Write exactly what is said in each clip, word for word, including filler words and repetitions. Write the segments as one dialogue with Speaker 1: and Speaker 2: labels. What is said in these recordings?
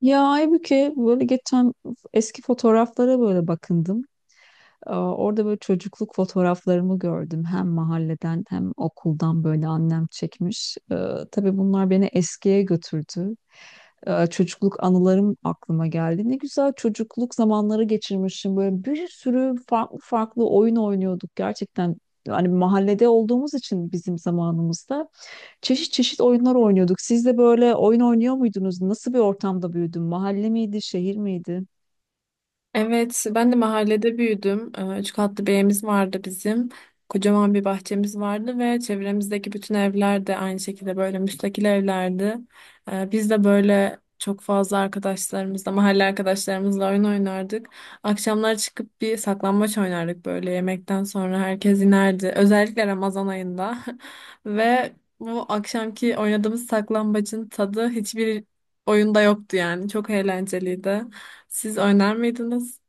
Speaker 1: Ya halbuki böyle geçen eski fotoğraflara böyle bakındım. Aa, Orada böyle çocukluk fotoğraflarımı gördüm. Hem mahalleden hem okuldan böyle annem çekmiş. Ee, tabii bunlar beni eskiye götürdü. Ee, çocukluk anılarım aklıma geldi. Ne güzel çocukluk zamanları geçirmişim. Böyle bir sürü farklı farklı oyun oynuyorduk. Gerçekten hani mahallede olduğumuz için bizim zamanımızda. Çeşit çeşit oyunlar oynuyorduk. Siz de böyle oyun oynuyor muydunuz? Nasıl bir ortamda büyüdün? Mahalle miydi, şehir miydi?
Speaker 2: Evet, ben de mahallede büyüdüm. Ee, Üç katlı bir evimiz vardı bizim. Kocaman bir bahçemiz vardı ve çevremizdeki bütün evler de aynı şekilde böyle müstakil evlerdi. Ee, Biz de böyle çok fazla arkadaşlarımızla, mahalle arkadaşlarımızla oyun oynardık. Akşamlar çıkıp bir saklambaç oynardık böyle yemekten sonra herkes inerdi. Özellikle Ramazan ayında. Ve bu akşamki oynadığımız saklambacın tadı hiçbir oyunda yoktu yani. Çok eğlenceliydi. Siz oynar mıydınız?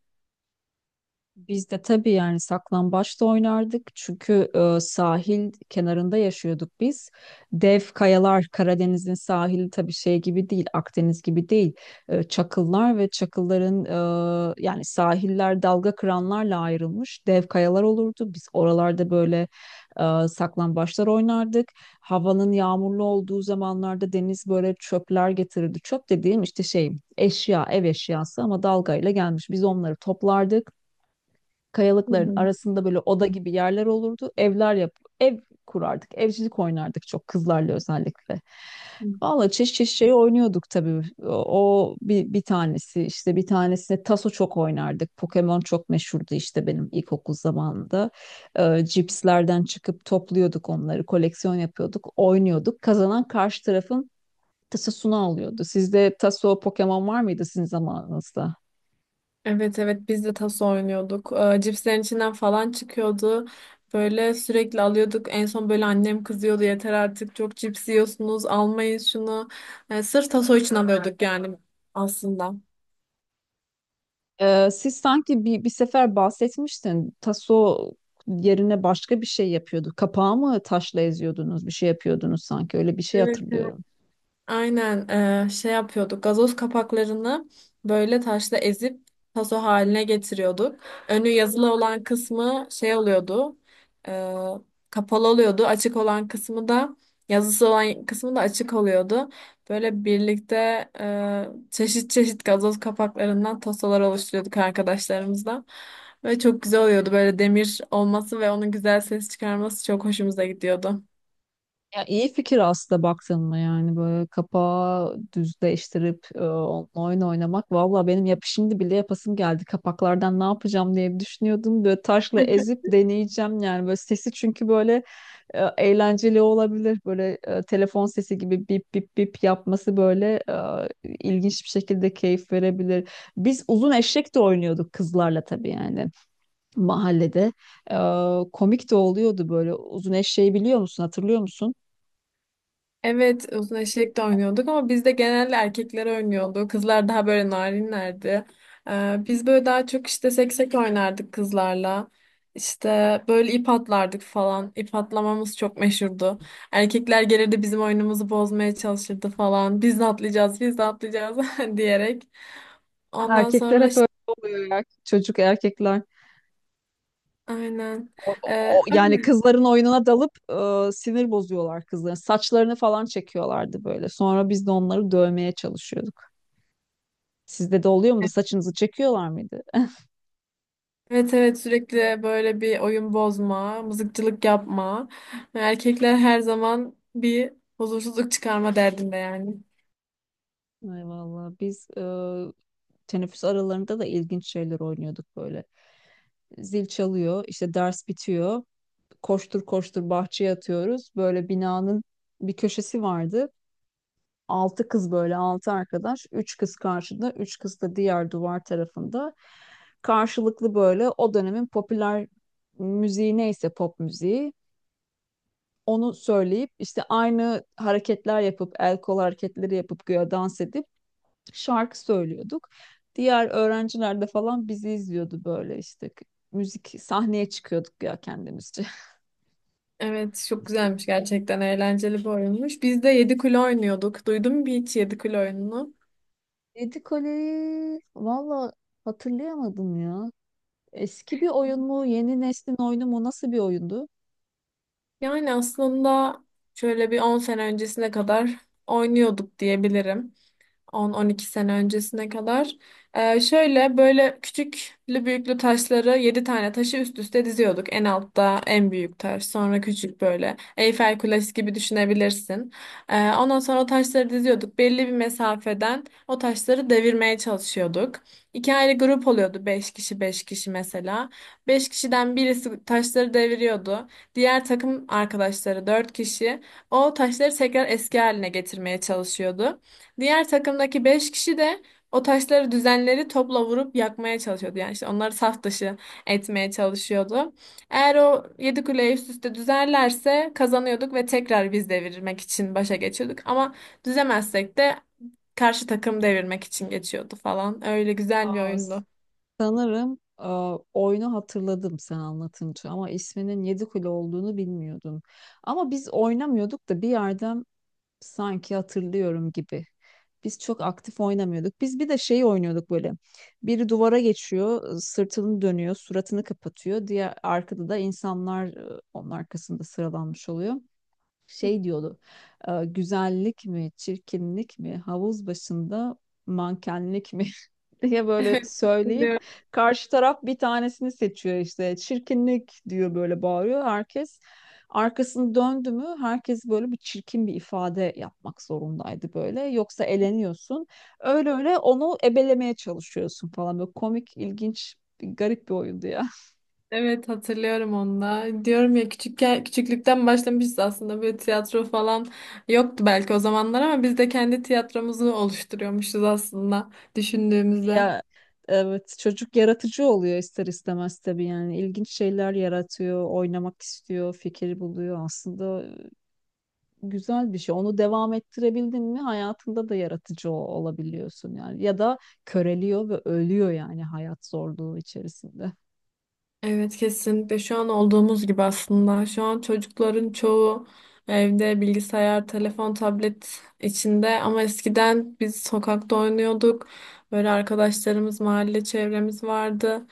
Speaker 1: Biz de tabii yani saklambaçta oynardık çünkü e, sahil kenarında yaşıyorduk biz. Dev kayalar Karadeniz'in sahili tabii şey gibi değil, Akdeniz gibi değil. E, çakıllar ve çakılların e, yani sahiller dalga kıranlarla ayrılmış dev kayalar olurdu. Biz oralarda böyle e, saklambaçlar oynardık. Havanın yağmurlu olduğu zamanlarda deniz böyle çöpler getirirdi. Çöp dediğim işte şey eşya, ev eşyası ama dalgayla gelmiş. Biz onları toplardık
Speaker 2: Hı
Speaker 1: kayalıkların
Speaker 2: hı.
Speaker 1: arasında böyle oda gibi yerler olurdu. Evler yap Ev kurardık. Evcilik oynardık çok kızlarla özellikle.
Speaker 2: Hı.
Speaker 1: Valla çeşit çeşit şey oynuyorduk tabii. O, o bir, bir tanesi işte bir tanesine taso çok oynardık. Pokemon çok meşhurdu işte benim ilkokul zamanında. Ee, cipslerden çıkıp topluyorduk onları, koleksiyon yapıyorduk, oynuyorduk. Kazanan karşı tarafın tasosunu alıyordu. Sizde taso Pokemon var mıydı sizin zamanınızda?
Speaker 2: Evet, evet biz de taso oynuyorduk. Ee, cipslerin içinden falan çıkıyordu. Böyle sürekli alıyorduk. En son böyle annem kızıyordu, yeter artık çok cips yiyorsunuz almayın şunu. Ee, sırf taso için alıyorduk yani aslında.
Speaker 1: Ee, siz sanki bir, bir sefer bahsetmiştin. Taso yerine başka bir şey yapıyordu. Kapağı mı taşla eziyordunuz, bir şey yapıyordunuz sanki. Öyle bir şey
Speaker 2: Evet, evet.
Speaker 1: hatırlıyorum.
Speaker 2: Aynen, eee, şey yapıyorduk. Gazoz kapaklarını böyle taşla ezip taso haline getiriyorduk. Önü yazılı olan kısmı şey oluyordu. eee, Kapalı oluyordu. Açık olan kısmı da yazısı olan kısmı da açık oluyordu. Böyle birlikte eee, çeşit çeşit gazoz kapaklarından tasolar oluşturuyorduk arkadaşlarımızla. Ve çok güzel oluyordu. Böyle demir olması ve onun güzel ses çıkarması çok hoşumuza gidiyordu.
Speaker 1: Ya iyi fikir aslında baktın mı yani böyle kapağı düzleştirip e, onunla oyun oynamak. Valla benim yap şimdi bile yapasım geldi. Kapaklardan ne yapacağım diye bir düşünüyordum. Böyle taşla ezip deneyeceğim yani böyle sesi çünkü böyle e, eğlenceli olabilir. Böyle e, telefon sesi gibi bip bip bip yapması böyle e, ilginç bir şekilde keyif verebilir. Biz uzun eşek de oynuyorduk kızlarla tabii yani mahallede. E, Komik de oluyordu böyle. Uzun eşeği biliyor musun? Hatırlıyor musun?
Speaker 2: Evet, uzun eşek de oynuyorduk ama biz de genelde erkekler oynuyordu. Kızlar daha böyle narinlerdi. Ee, biz böyle daha çok işte seksek oynardık kızlarla. İşte böyle ip atlardık falan. İp atlamamız çok meşhurdu. Erkekler gelirdi bizim oyunumuzu bozmaya çalışırdı falan. Biz de atlayacağız, biz de atlayacağız diyerek. Ondan
Speaker 1: Erkekler
Speaker 2: sonra
Speaker 1: hep öyle
Speaker 2: işte
Speaker 1: oluyor ya. Çocuk erkekler.
Speaker 2: aynen.
Speaker 1: O-
Speaker 2: Ee,
Speaker 1: o- yani
Speaker 2: öyle.
Speaker 1: kızların oyununa dalıp e, sinir bozuyorlar kızların. Saçlarını falan çekiyorlardı böyle. Sonra biz de onları dövmeye çalışıyorduk. Sizde de oluyor muydu? Saçınızı çekiyorlar mıydı?
Speaker 2: Evet, evet sürekli böyle bir oyun bozma, mızıkçılık yapma. Erkekler her zaman bir huzursuzluk çıkarma derdinde yani.
Speaker 1: Ay vallahi biz e, teneffüs aralarında da ilginç şeyler oynuyorduk böyle. Zil çalıyor, işte ders bitiyor koştur koştur bahçeye atıyoruz. Böyle binanın bir köşesi vardı. Altı kız böyle altı arkadaş. Üç kız karşıda, üç kız da diğer duvar tarafında. Karşılıklı böyle o dönemin popüler müziği neyse pop müziği onu söyleyip işte aynı hareketler yapıp el kol hareketleri yapıp güya dans edip şarkı söylüyorduk. Diğer öğrenciler de falan bizi izliyordu böyle işte müzik sahneye çıkıyorduk ya kendimizce.
Speaker 2: Evet, çok güzelmiş gerçekten, eğlenceli bir oyunmuş. Biz de yedi kule oynuyorduk. Duydun mu hiç yedi kule oyununu?
Speaker 1: Yedi Kule'yi valla hatırlayamadım ya. Eski bir oyun mu, yeni neslin oyunu mu, nasıl bir oyundu?
Speaker 2: Yani aslında şöyle bir on sene öncesine kadar oynuyorduk diyebilirim. on on iki sene öncesine kadar. Ee, şöyle böyle küçüklü büyüklü taşları yedi tane taşı üst üste diziyorduk. En altta en büyük taş sonra küçük böyle Eyfel Kulesi gibi düşünebilirsin. Ee, ondan sonra o taşları diziyorduk. Belli bir mesafeden o taşları devirmeye çalışıyorduk. İki ayrı grup oluyordu, beş kişi beş kişi mesela. Beş kişiden birisi taşları deviriyordu. Diğer takım arkadaşları dört kişi o taşları tekrar eski haline getirmeye çalışıyordu. Diğer takımdaki beş kişi de o taşları düzenleri topla vurup yakmaya çalışıyordu. Yani işte onları saf dışı etmeye çalışıyordu. Eğer o yedi kuleyi üst üste düzerlerse kazanıyorduk ve tekrar biz devirmek için başa geçiyorduk. Ama düzemezsek de karşı takım devirmek için geçiyordu falan. Öyle güzel bir
Speaker 1: Aa,
Speaker 2: oyundu.
Speaker 1: Sanırım e, oyunu hatırladım sen anlatınca ama isminin Yedi Kule olduğunu bilmiyordum. Ama biz oynamıyorduk da bir yerden sanki hatırlıyorum gibi. Biz çok aktif oynamıyorduk. Biz bir de şey oynuyorduk böyle. Biri duvara geçiyor, sırtını dönüyor, suratını kapatıyor. Diğer arkada da insanlar e, onun arkasında sıralanmış oluyor. Şey diyordu. E, güzellik mi, çirkinlik mi, havuz başında mankenlik mi diye böyle
Speaker 2: Evet.
Speaker 1: söyleyip
Speaker 2: Hatırlıyorum.
Speaker 1: karşı taraf bir tanesini seçiyor işte. Çirkinlik diyor böyle bağırıyor herkes. Arkasını döndü mü herkes böyle bir çirkin bir ifade yapmak zorundaydı böyle. Yoksa eleniyorsun. Öyle öyle onu ebelemeye çalışıyorsun falan. Böyle komik, ilginç, bir garip bir oyundu ya.
Speaker 2: Evet, hatırlıyorum onu da. Diyorum ya küçükken küçüklükten başlamışız aslında, böyle tiyatro falan yoktu belki o zamanlar ama biz de kendi tiyatromuzu oluşturuyormuşuz aslında düşündüğümüzde.
Speaker 1: Ya evet çocuk yaratıcı oluyor ister istemez tabii yani. İlginç şeyler yaratıyor, oynamak istiyor, fikir buluyor aslında. Güzel bir şey. Onu devam ettirebildin mi hayatında da yaratıcı o- olabiliyorsun yani. Ya da köreliyor ve ölüyor yani hayat zorluğu içerisinde.
Speaker 2: Evet kesinlikle, şu an olduğumuz gibi aslında. Şu an çocukların çoğu evde bilgisayar, telefon, tablet içinde ama eskiden biz sokakta oynuyorduk. Böyle arkadaşlarımız, mahalle çevremiz vardı.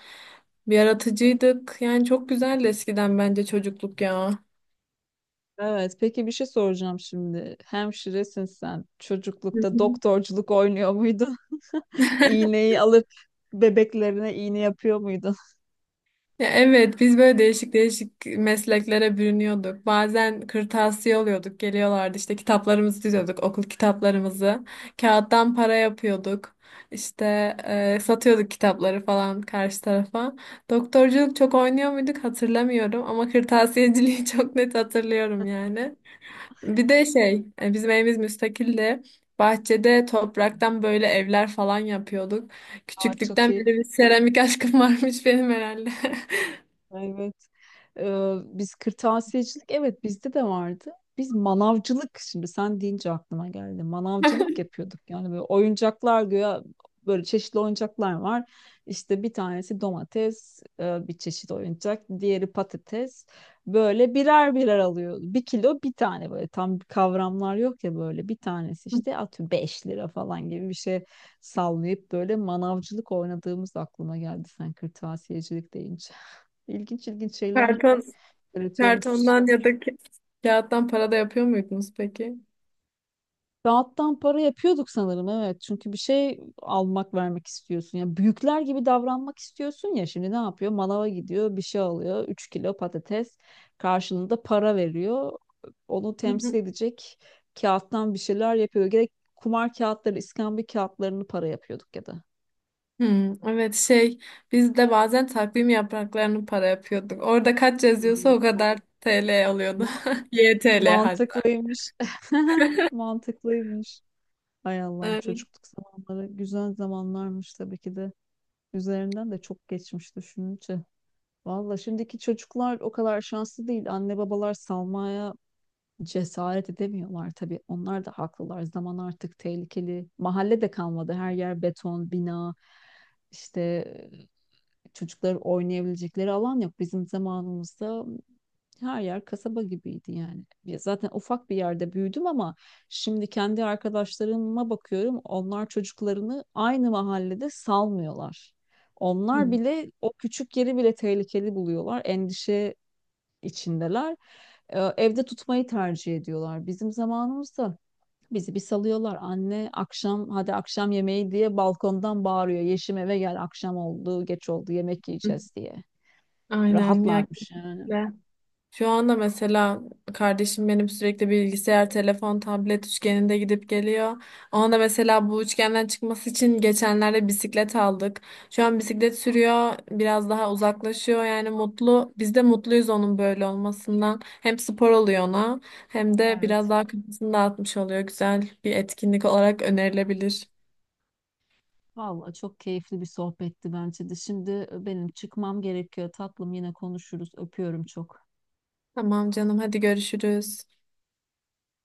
Speaker 2: Bir yaratıcıydık. Yani çok güzeldi eskiden bence çocukluk ya.
Speaker 1: Evet, peki bir şey soracağım şimdi. Hemşiresin sen.
Speaker 2: Hı
Speaker 1: Çocuklukta
Speaker 2: hı.
Speaker 1: doktorculuk oynuyor muydun? İğneyi alıp bebeklerine iğne yapıyor muydun?
Speaker 2: Ya evet, biz böyle değişik değişik mesleklere bürünüyorduk. Bazen kırtasiye oluyorduk, geliyorlardı işte kitaplarımızı diziyorduk, okul kitaplarımızı. Kağıttan para yapıyorduk. İşte e, satıyorduk kitapları falan karşı tarafa. Doktorculuk çok oynuyor muyduk hatırlamıyorum ama kırtasiyeciliği çok net hatırlıyorum yani. Bir de şey, e, bizim evimiz müstakildi. Bahçede topraktan böyle evler falan yapıyorduk.
Speaker 1: Aa, çok
Speaker 2: Küçüklükten beri
Speaker 1: iyi.
Speaker 2: bir seramik aşkım varmış benim herhalde.
Speaker 1: Evet. Ee, biz kırtasiyecilik evet bizde de vardı. Biz manavcılık şimdi sen deyince aklıma geldi. Manavcılık yapıyorduk. Yani böyle oyuncaklar güya böyle çeşitli oyuncaklar var. İşte bir tanesi domates, e, bir çeşit oyuncak, diğeri patates. Böyle birer birer alıyor. Bir kilo bir tane böyle tam kavramlar yok ya böyle bir tanesi işte atıyorum beş lira falan gibi bir şey sallayıp böyle manavcılık oynadığımız aklıma geldi sen kırtasiyecilik deyince. İlginç ilginç şeyler
Speaker 2: Karton,
Speaker 1: üretiyormuşuz.
Speaker 2: kartondan ya da ki- kağıttan para da yapıyor muydunuz peki?
Speaker 1: Kağıttan para yapıyorduk sanırım evet. Çünkü bir şey almak vermek istiyorsun. Ya büyükler gibi davranmak istiyorsun ya. Şimdi ne yapıyor? Manava gidiyor, bir şey alıyor. Üç kilo patates karşılığında para veriyor. Onu
Speaker 2: Hı hı.
Speaker 1: temsil edecek kağıttan bir şeyler yapıyor. Gerek kumar kağıtları, iskambil kağıtlarını para yapıyorduk ya da.
Speaker 2: Hmm, evet şey, biz de bazen takvim yapraklarını para yapıyorduk. Orada kaç yazıyorsa
Speaker 1: Hmm.
Speaker 2: o kadar T L alıyordu.
Speaker 1: Ma-
Speaker 2: Y T L hatta.
Speaker 1: Mantıklıymış. Mantıklıymış. Hay Allah'ım
Speaker 2: Evet.
Speaker 1: çocukluk zamanları güzel zamanlarmış tabii ki de. Üzerinden de çok geçmiş düşününce. Valla şimdiki çocuklar o kadar şanslı değil. Anne babalar salmaya cesaret edemiyorlar tabii. Onlar da haklılar. Zaman artık tehlikeli. Mahalle de kalmadı. Her yer beton, bina. İşte çocuklar oynayabilecekleri alan yok. Bizim zamanımızda her yer kasaba gibiydi yani. Ya zaten ufak bir yerde büyüdüm ama şimdi kendi arkadaşlarıma bakıyorum. Onlar çocuklarını aynı mahallede salmıyorlar.
Speaker 2: Hı.
Speaker 1: Onlar bile o küçük yeri bile tehlikeli buluyorlar. Endişe içindeler. Ee, evde tutmayı tercih ediyorlar. Bizim zamanımızda bizi bir salıyorlar. Anne akşam hadi akşam yemeği diye balkondan bağırıyor. Yeşim eve gel akşam oldu, geç oldu yemek yiyeceğiz diye.
Speaker 2: Aynen ya.
Speaker 1: Rahatlarmış yani.
Speaker 2: Şu anda mesela kardeşim benim sürekli bilgisayar, telefon, tablet üçgeninde gidip geliyor. Ona da mesela bu üçgenden çıkması için geçenlerde bisiklet aldık. Şu an bisiklet sürüyor, biraz daha uzaklaşıyor yani mutlu. Biz de mutluyuz onun böyle olmasından. Hem spor oluyor ona hem de biraz
Speaker 1: Evet.
Speaker 2: daha kafasını dağıtmış oluyor. Güzel bir etkinlik olarak önerilebilir.
Speaker 1: Vallahi çok keyifli bir sohbetti bence de. Şimdi benim çıkmam gerekiyor. Tatlım yine konuşuruz. Öpüyorum çok.
Speaker 2: Tamam canım hadi görüşürüz.